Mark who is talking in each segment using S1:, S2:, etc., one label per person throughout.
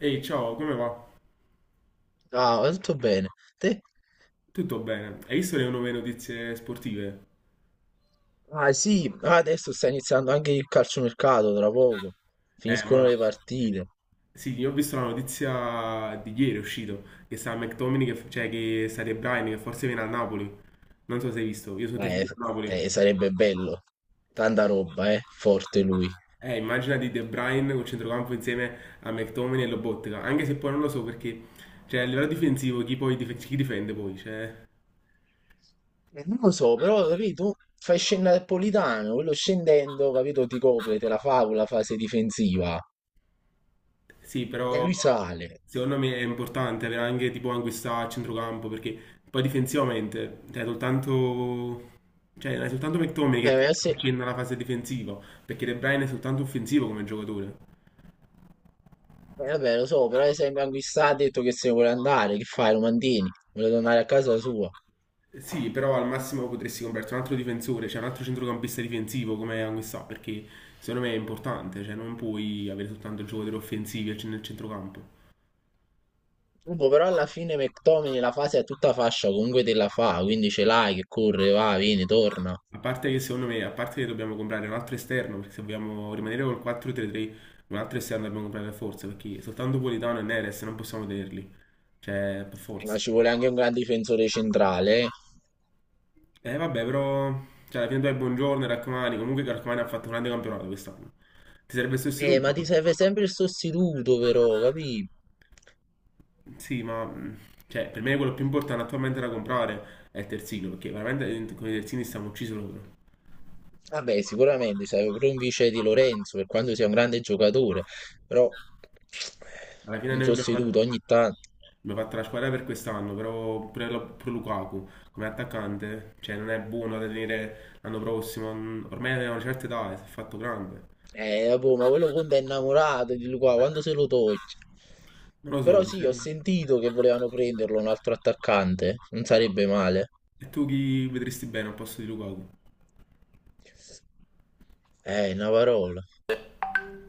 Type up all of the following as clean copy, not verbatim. S1: Ehi, ciao, come va?
S2: Ah, tutto bene. Te
S1: Tutto bene. Hai visto le nuove notizie sportive?
S2: adesso sta iniziando anche il calciomercato tra poco.
S1: Ma
S2: Finiscono le partite.
S1: sì, io ho visto la notizia di ieri, è uscito, che sta McTominay, che, cioè che sta De Bruyne, che forse viene a Napoli. Non so se hai visto, io sono tifoso
S2: Eh,
S1: del Napoli.
S2: sarebbe bello. Tanta roba, eh. Forte lui.
S1: Immagina di De Bruyne col centrocampo insieme a McTominay e Lobotka, anche se poi non lo so perché, cioè, a livello difensivo, chi poi chi difende poi? Cioè.
S2: Non lo so, però, capito? Fai scendere Napolitano, quello scendendo, capito? Ti copre, te la fa con la fase difensiva.
S1: Sì,
S2: E
S1: però
S2: lui sale.
S1: secondo me è importante avere anche tipo Anguissa a centrocampo perché poi difensivamente cioè, soltanto, cioè, non è soltanto McTominay che
S2: Eh,
S1: ti
S2: ma se-
S1: accenna la fase difensiva perché De Bruyne è soltanto offensivo come giocatore.
S2: vabbè, lo so, però ad esempio anche sta ha detto che se ne vuole andare, che fai? Lo mantieni? Vuole tornare a casa sua.
S1: Sì, però al massimo potresti comprarti un altro difensore, cioè un altro centrocampista difensivo come Anguissa perché secondo me è importante, cioè non puoi avere soltanto giocatori offensivi nel centrocampo.
S2: Comunque, però alla fine McTominay la fase è tutta fascia, comunque te la fa, quindi ce l'hai che corre, va, vieni, torna.
S1: A parte che secondo me, a parte che dobbiamo comprare un altro esterno, perché se vogliamo rimanere col 4-3-3, un altro esterno dobbiamo comprare per forza, perché soltanto Politano e Neres non possiamo tenerli. Cioè, per
S2: Ma
S1: forza.
S2: ci vuole anche un gran difensore centrale.
S1: Eh vabbè, però, cioè, alla fine tu hai Buongiorno e Raccomani, comunque Raccomani ha fatto un grande campionato quest'anno. Ti serve il sostituto?
S2: Ma ti serve sempre il sostituto, però, capì?
S1: Sì, ma cioè, per me quello più importante attualmente da comprare è il terzino, perché veramente con i terzini stiamo uccisi loro.
S2: Vabbè, sicuramente serve pure un vice di Lorenzo, per quanto sia un grande giocatore, però
S1: Alla fine
S2: un
S1: noi abbiamo fatto.
S2: sostituto ogni tanto.
S1: Mi ha fatto la squadra per quest'anno, però pure pure Lukaku come attaccante, cioè non è buono da tenere l'anno prossimo, ormai è una certa età, si è fatto grande.
S2: Vabbè, ma quello Conte è innamorato di lui qua, quando se lo toglie?
S1: Non lo so,
S2: Però sì, ho
S1: cioè,
S2: sentito che volevano prenderlo un altro attaccante, non sarebbe male.
S1: e tu chi vedresti bene al posto di Lukaku?
S2: Una parola.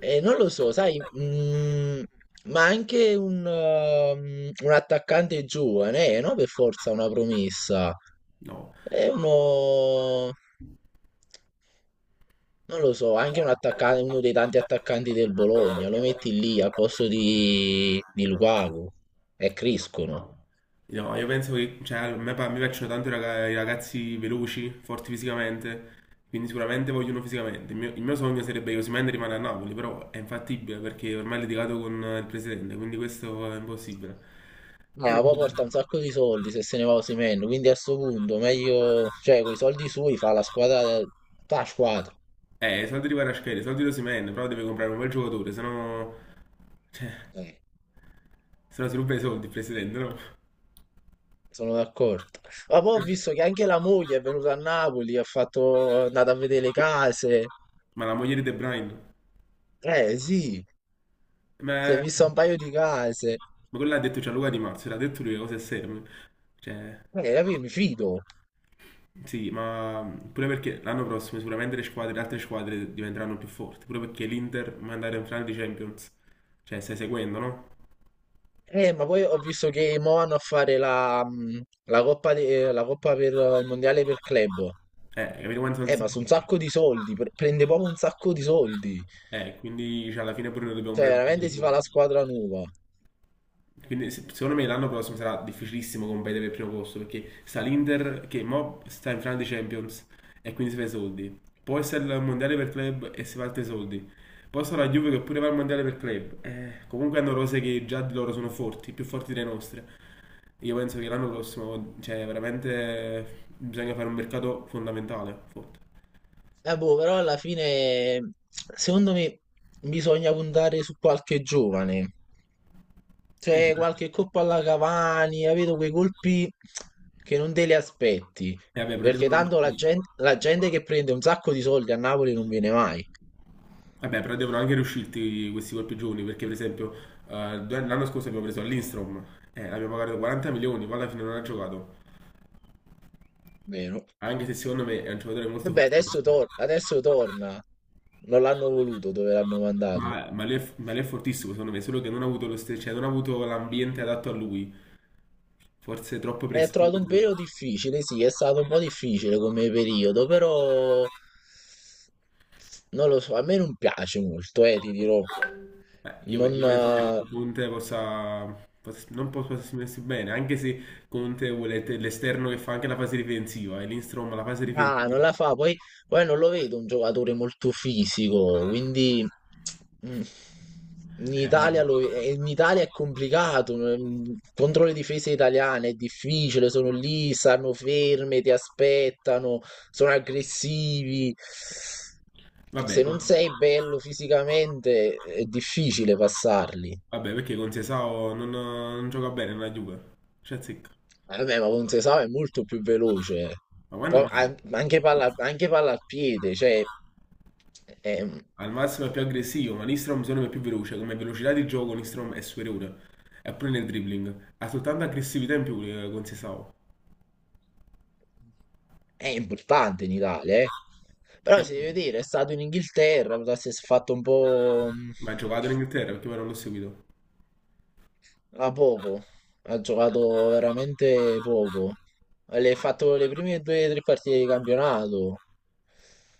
S2: Non lo so, sai, ma anche un un attaccante giovane, no? Per forza una promessa.
S1: No,
S2: È uno, non lo so, anche un attaccante, uno dei tanti attaccanti del Bologna, lo metti lì al posto di Lukaku e crescono.
S1: no. No, io penso che cioè, a me mi piacciono tanto i i ragazzi veloci, forti fisicamente, quindi sicuramente voglio uno fisicamente. Il mio sogno sarebbe che Osimhen rimane a Napoli, però è infattibile perché ormai è litigato con il presidente, quindi questo è impossibile. Però.
S2: Ma poi porta un sacco di soldi se se ne va Osimhen, quindi a sto punto meglio, cioè, con i soldi sui fa la squadra, fa la squadra.
S1: I soldi di Kvaratskhelia, i soldi di Osimhen, però deve comprare un bel giocatore, sennò. Cioè,
S2: Eh.
S1: sennò si ruba i soldi il presidente, no?
S2: Sono d'accordo. Ma poi ho visto che anche la moglie è venuta a Napoli, ha fatto, è andata a vedere le case.
S1: Ma la moglie di De Bruyne,
S2: Eh sì,
S1: ma,
S2: si è
S1: ma
S2: vista un paio di case.
S1: quello l'ha detto Gianluca Di Marzio, l'ha detto lui, le cose serie. Cioè,
S2: Capì? Mi fido.
S1: sì, ma pure perché l'anno prossimo sicuramente le squadre, le altre squadre diventeranno più forti, pure perché l'Inter va ad andare in finale di Champions. Cioè, stai seguendo, no?
S2: Ma poi ho visto che mo vanno a fare la la coppa, la coppa per il mondiale per club.
S1: Capito quanto soldi si
S2: Ma su un
S1: fa?
S2: sacco di soldi, prende proprio un sacco di soldi.
S1: Quindi cioè, alla fine pure noi dobbiamo
S2: Cioè,
S1: comprare
S2: veramente si fa
S1: tutto.
S2: la squadra nuova.
S1: Quindi secondo me l'anno prossimo sarà difficilissimo competere per il primo posto perché sta l'Inter che mo sta in finale di Champions e quindi si fa i soldi. Poi sta il mondiale per club e si fa altri soldi. Poi sta la Juve che pure va al mondiale per club. Comunque hanno rose che già di loro sono forti, più forti delle nostre. Io penso che l'anno prossimo, cioè veramente bisogna fare un mercato fondamentale, forte.
S2: Boh, però alla fine, secondo me, bisogna puntare su qualche giovane.
S1: E
S2: C'è qualche colpo alla Cavani, capito? Quei colpi che non te li aspetti.
S1: vabbè, però
S2: Perché tanto la gente che prende un sacco di soldi a Napoli non viene mai,
S1: vabbè, però devono anche riuscirti questi colpi giovani, perché per esempio l'anno scorso abbiamo preso Lindstrom, l'abbiamo pagato 40 milioni, poi alla fine non ha giocato,
S2: vero?
S1: anche se secondo me è un giocatore molto
S2: Vabbè, adesso,
S1: fortunato,
S2: adesso torna. Non l'hanno voluto dove l'hanno mandato.
S1: ma lui è fortissimo secondo me, solo che non ha avuto lo stesso, cioè non ha avuto l'ambiente adatto a lui, forse troppo
S2: È
S1: presto.
S2: trovato un periodo difficile, sì, è stato un po' difficile come periodo, però non lo so, a me non piace molto, ti dirò.
S1: Io,
S2: Non,
S1: io penso che Conte non possa esprimersi bene, anche se Conte vuole l'esterno che fa anche la fase difensiva, e Lindstrom la fase
S2: Ah, non
S1: difensiva.
S2: la fa, poi, poi non lo vedo un giocatore molto fisico, quindi mm, in
S1: eh, ma-
S2: Italia, in Italia è complicato, contro le difese italiane è difficile, sono lì, stanno ferme, ti aspettano, sono aggressivi.
S1: Vabbè.
S2: Se non sei bello fisicamente è difficile passarli.
S1: Vabbè, perché con Sesao non gioca bene nella Juve. Cioè, zecca.
S2: Vabbè, ma Ponzesau è molto più veloce.
S1: Ma quando
S2: Poi
S1: mai?
S2: anche palla al piede, cioè è,
S1: Al massimo è più aggressivo, ma Nistrom secondo me è più veloce. Come velocità di gioco Nistrom è superiore. E pure nel dribbling. Ha soltanto aggressività in più con Sesao.
S2: è importante in Italia, eh.
S1: E-
S2: Però si deve dire, è stato in Inghilterra, potesse si è fatto un po'
S1: Ma ha giocato in Inghilterra perché poi non l'ho seguito.
S2: a poco, ha giocato veramente poco. Le ha fatto le prime due o tre partite di campionato,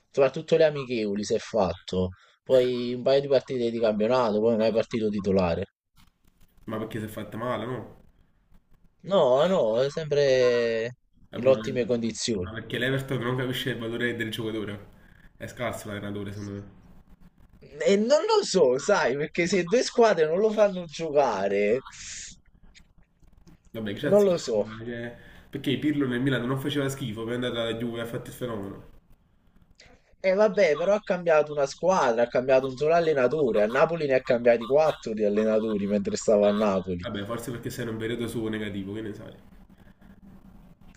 S2: soprattutto le amichevoli si è fatto, poi un paio di partite di campionato, poi non è mai partito titolare.
S1: Ma perché si è fatta male, no?
S2: No, no, è sempre
S1: Eh,
S2: in
S1: Ma
S2: ottime
S1: ma
S2: condizioni.
S1: perché l'Everton non capisce il valore del giocatore. È scarso l'allenatore, secondo me.
S2: E non lo so, sai, perché se due squadre non lo fanno giocare,
S1: Vabbè, che c'ha
S2: non lo so.
S1: zitto. Perché Pirlo nel Milan non faceva schifo, poi è andato alla Juve e ha fatto il fenomeno.
S2: E vabbè, però ha cambiato una squadra, ha cambiato un solo allenatore. A Napoli ne ha cambiati quattro di allenatori mentre stava a Napoli.
S1: Vabbè, forse perché sei in un periodo suo negativo, che ne sai.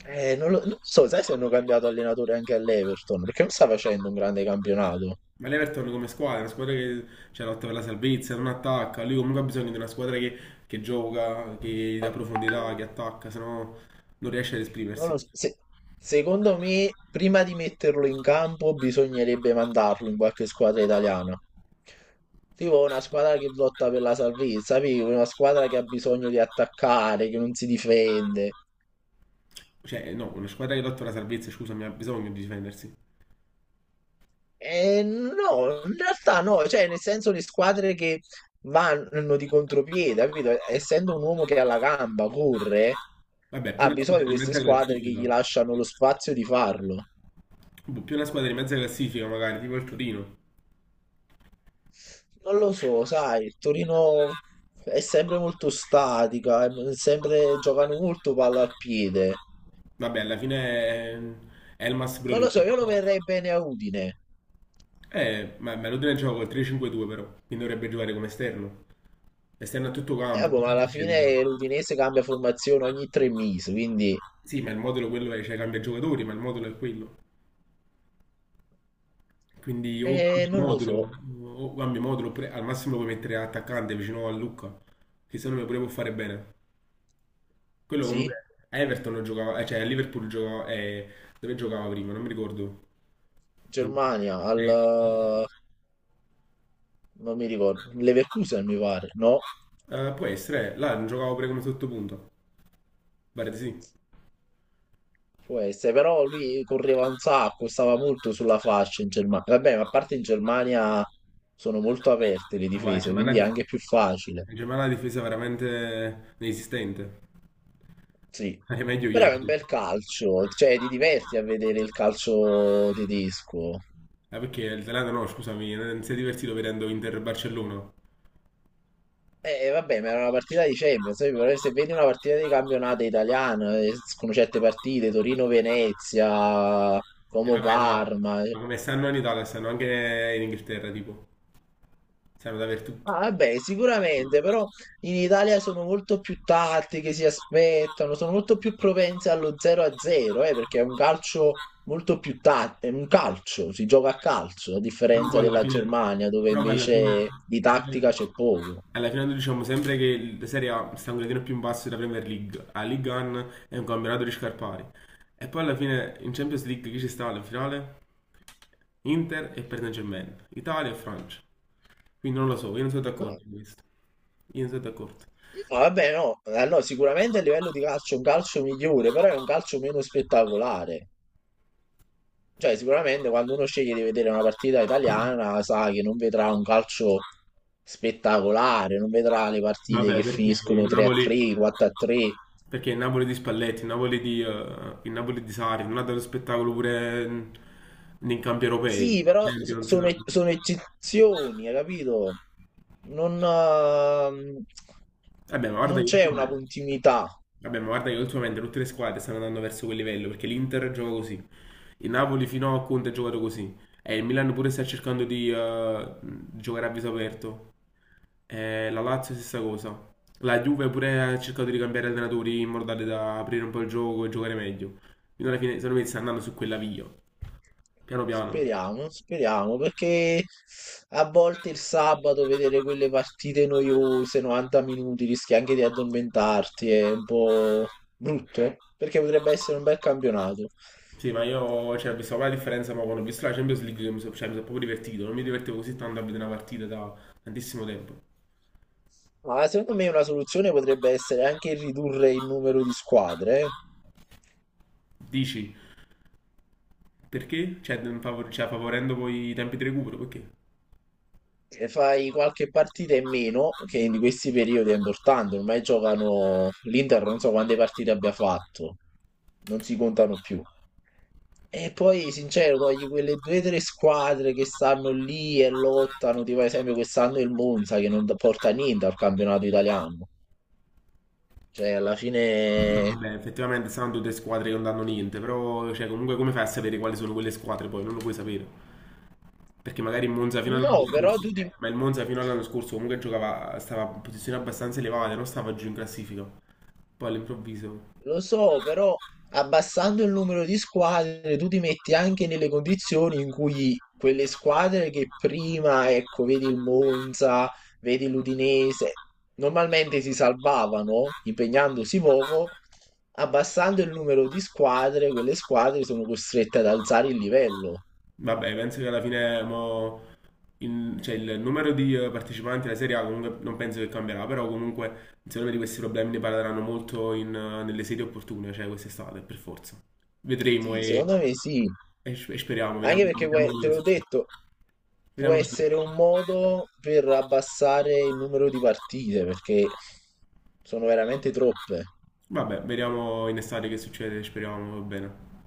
S2: Non lo so, sai se hanno cambiato allenatore anche all'Everton, perché non sta facendo un grande campionato.
S1: Ma l'Everton come squadra, è una squadra che c'è lotta per la salvezza, non attacca. Lui comunque ha bisogno di una squadra che, gioca, che dà profondità, che attacca, se no non riesce ad
S2: Non
S1: esprimersi.
S2: lo so. Secondo me, prima di metterlo in campo, bisognerebbe mandarlo in qualche squadra italiana. Tipo una squadra che lotta per la salvezza, capito? Una squadra che ha bisogno di attaccare, che non si difende.
S1: Cioè, no, una squadra che lotta per la salvezza, scusami, ha bisogno di difendersi.
S2: E no, in realtà no, cioè nel senso le squadre che vanno di contropiede, capito? Essendo un uomo che ha la gamba, corre,
S1: Vabbè, più
S2: ha
S1: una
S2: bisogno di
S1: squadra di
S2: queste
S1: mezza
S2: squadre che gli
S1: classifica,
S2: lasciano lo spazio di farlo.
S1: boh, più una squadra di mezza classifica magari, tipo il Torino.
S2: Non lo so, sai, il Torino è sempre molto statica, è sempre, giocano molto palla al piede.
S1: Vabbè, alla fine è Elmas pure
S2: Non lo
S1: lui.
S2: so, io lo verrei bene a Udine.
S1: Ma Maradona gioca col 3-5-2 però, quindi dovrebbe giocare come esterno. Esterno a tutto campo,
S2: Boh, ma
S1: cosa
S2: alla
S1: difendere?
S2: fine l'Udinese cambia formazione ogni tre mesi, quindi
S1: Sì, ma il modulo quello è, cioè cambia giocatori, ma il modulo è quello. Quindi
S2: non lo so.
S1: o cambi modulo, oppure al massimo puoi mettere attaccante vicino a Lucca, che secondo me pure può fare bene. Quello comunque
S2: Sì,
S1: a Everton non giocava, cioè a Liverpool giocava, dove giocava prima? Non mi ricordo. In-
S2: Germania al
S1: eh,
S2: non mi ricordo, Leverkusen mi pare, no?
S1: può essere, là non giocava pure come sottopunto. Pare di sì. Ma
S2: Può essere, però lui correva un sacco, stava molto sulla fascia in Germania. Vabbè, ma a parte in Germania sono molto aperte le
S1: guarda, cioè,
S2: difese, quindi è anche più facile.
S1: la Germania è una difesa veramente inesistente.
S2: Sì.
S1: È meglio
S2: Però
S1: ieri.
S2: è un bel calcio, cioè ti diverti a vedere il calcio tedesco.
S1: Ah, perché il Zalando no, scusami, non si è divertito vedendo Inter Barcellona.
S2: Vabbè, ma era una partita di Champions, però se vedi una partita di campionato italiano, con certe partite, Torino-Venezia,
S1: E va bene,
S2: Como-Parma,
S1: ma come stanno in Italia, stanno anche in Inghilterra, tipo. Stanno dappertutto.
S2: ah, vabbè, sicuramente, però in Italia sono molto più tattiche, si aspettano, sono molto più propense allo 0-0, perché è un calcio molto più tattico, è un calcio, si gioca a calcio, a
S1: Però
S2: differenza
S1: poi alla
S2: della
S1: fine,
S2: Germania, dove
S1: però poi alla fine,
S2: invece di tattica c'è poco.
S1: alla fine noi diciamo sempre che la Serie A sta un gradino più in basso della Premier League. La Ligue 1 è un campionato di scarpari. E poi alla fine in Champions League chi ci sta alla finale? Inter e Paris Saint-Germain. Italia e Francia. Quindi non lo so, io non sono d'accordo con questo. Io non sono d'accordo.
S2: No, Vabbè, no, allora, sicuramente a livello di calcio è un calcio migliore, però è un calcio meno spettacolare. Cioè, sicuramente quando uno sceglie di vedere una partita italiana, sa che non vedrà un calcio spettacolare, non vedrà le partite
S1: Vabbè,
S2: che
S1: perché
S2: finiscono
S1: il Napoli,
S2: 3-3, 4-3.
S1: perché il Napoli di Spalletti, il Napoli di Sarri non ha dato spettacolo pure nei campi europei.
S2: Sì, però
S1: Champions, no.
S2: sono, sono eccezioni, hai capito? Non, ehm,
S1: Vabbè, ma guarda
S2: non
S1: che,
S2: c'è una continuità.
S1: vabbè, ma guarda che ultimamente tutte le squadre stanno andando verso quel livello, perché l'Inter gioca così. Il Napoli fino a Conte ha giocato così. E il Milan pure sta cercando di giocare a viso aperto. La Lazio stessa cosa. La Juve pure ha cercato di cambiare allenatori in modo tale da aprire un po' il gioco e giocare meglio. Fino alla fine, secondo me, sta andando su quella via. Piano piano.
S2: Speriamo, speriamo, perché a volte il sabato vedere quelle partite noiose, 90 minuti, rischi anche di addormentarti, è un po' brutto, perché potrebbe essere un bel campionato.
S1: Sì, ma io cioè, ho visto la differenza, ma quando ho visto la Champions League che mi sono cioè, mi sono proprio divertito. Non mi divertivo così tanto a vedere una partita da tantissimo tempo.
S2: Ma secondo me una soluzione potrebbe essere anche ridurre il numero di squadre, eh.
S1: Dici, perché? Cioè, non favorendo poi i tempi di recupero, perché?
S2: E fai qualche partita in meno, che in questi periodi è importante, ormai giocano l'Inter, non so quante partite abbia fatto, non si contano più. E poi, sincero, togli quelle due o tre squadre che stanno lì e lottano, tipo ad esempio quest'anno il Monza che non porta niente al campionato italiano. Cioè, alla
S1: No,
S2: fine...
S1: vabbè, effettivamente saranno tutte squadre che non danno niente, però cioè, comunque come fai a sapere quali sono quelle squadre poi? Non lo puoi sapere. Perché magari il Monza fino
S2: No,
S1: all'anno scorso, ma il Monza fino all'anno scorso comunque giocava, stava in posizioni abbastanza elevate, non stava giù in classifica. Poi all'improvviso.
S2: lo so, però abbassando il numero di squadre tu ti metti anche nelle condizioni in cui quelle squadre che prima, ecco, vedi il Monza, vedi l'Udinese, normalmente si salvavano impegnandosi poco, abbassando il numero di squadre, quelle squadre sono costrette ad alzare il livello.
S1: Vabbè, penso che alla fine mo, il, cioè, il numero di partecipanti alla Serie A comunque non penso che cambierà, però comunque secondo me di questi problemi ne parleranno molto in, nelle serie opportune, cioè quest'estate, per forza. Vedremo
S2: Sì,
S1: e,
S2: secondo me sì,
S1: e s- e speriamo, vediamo,
S2: anche perché
S1: vediamo,
S2: poi, te l'ho detto, può
S1: vediamo-
S2: essere un modo per abbassare il numero di partite, perché sono veramente troppe.
S1: vabbè, vediamo in estate che succede, speriamo, va bene.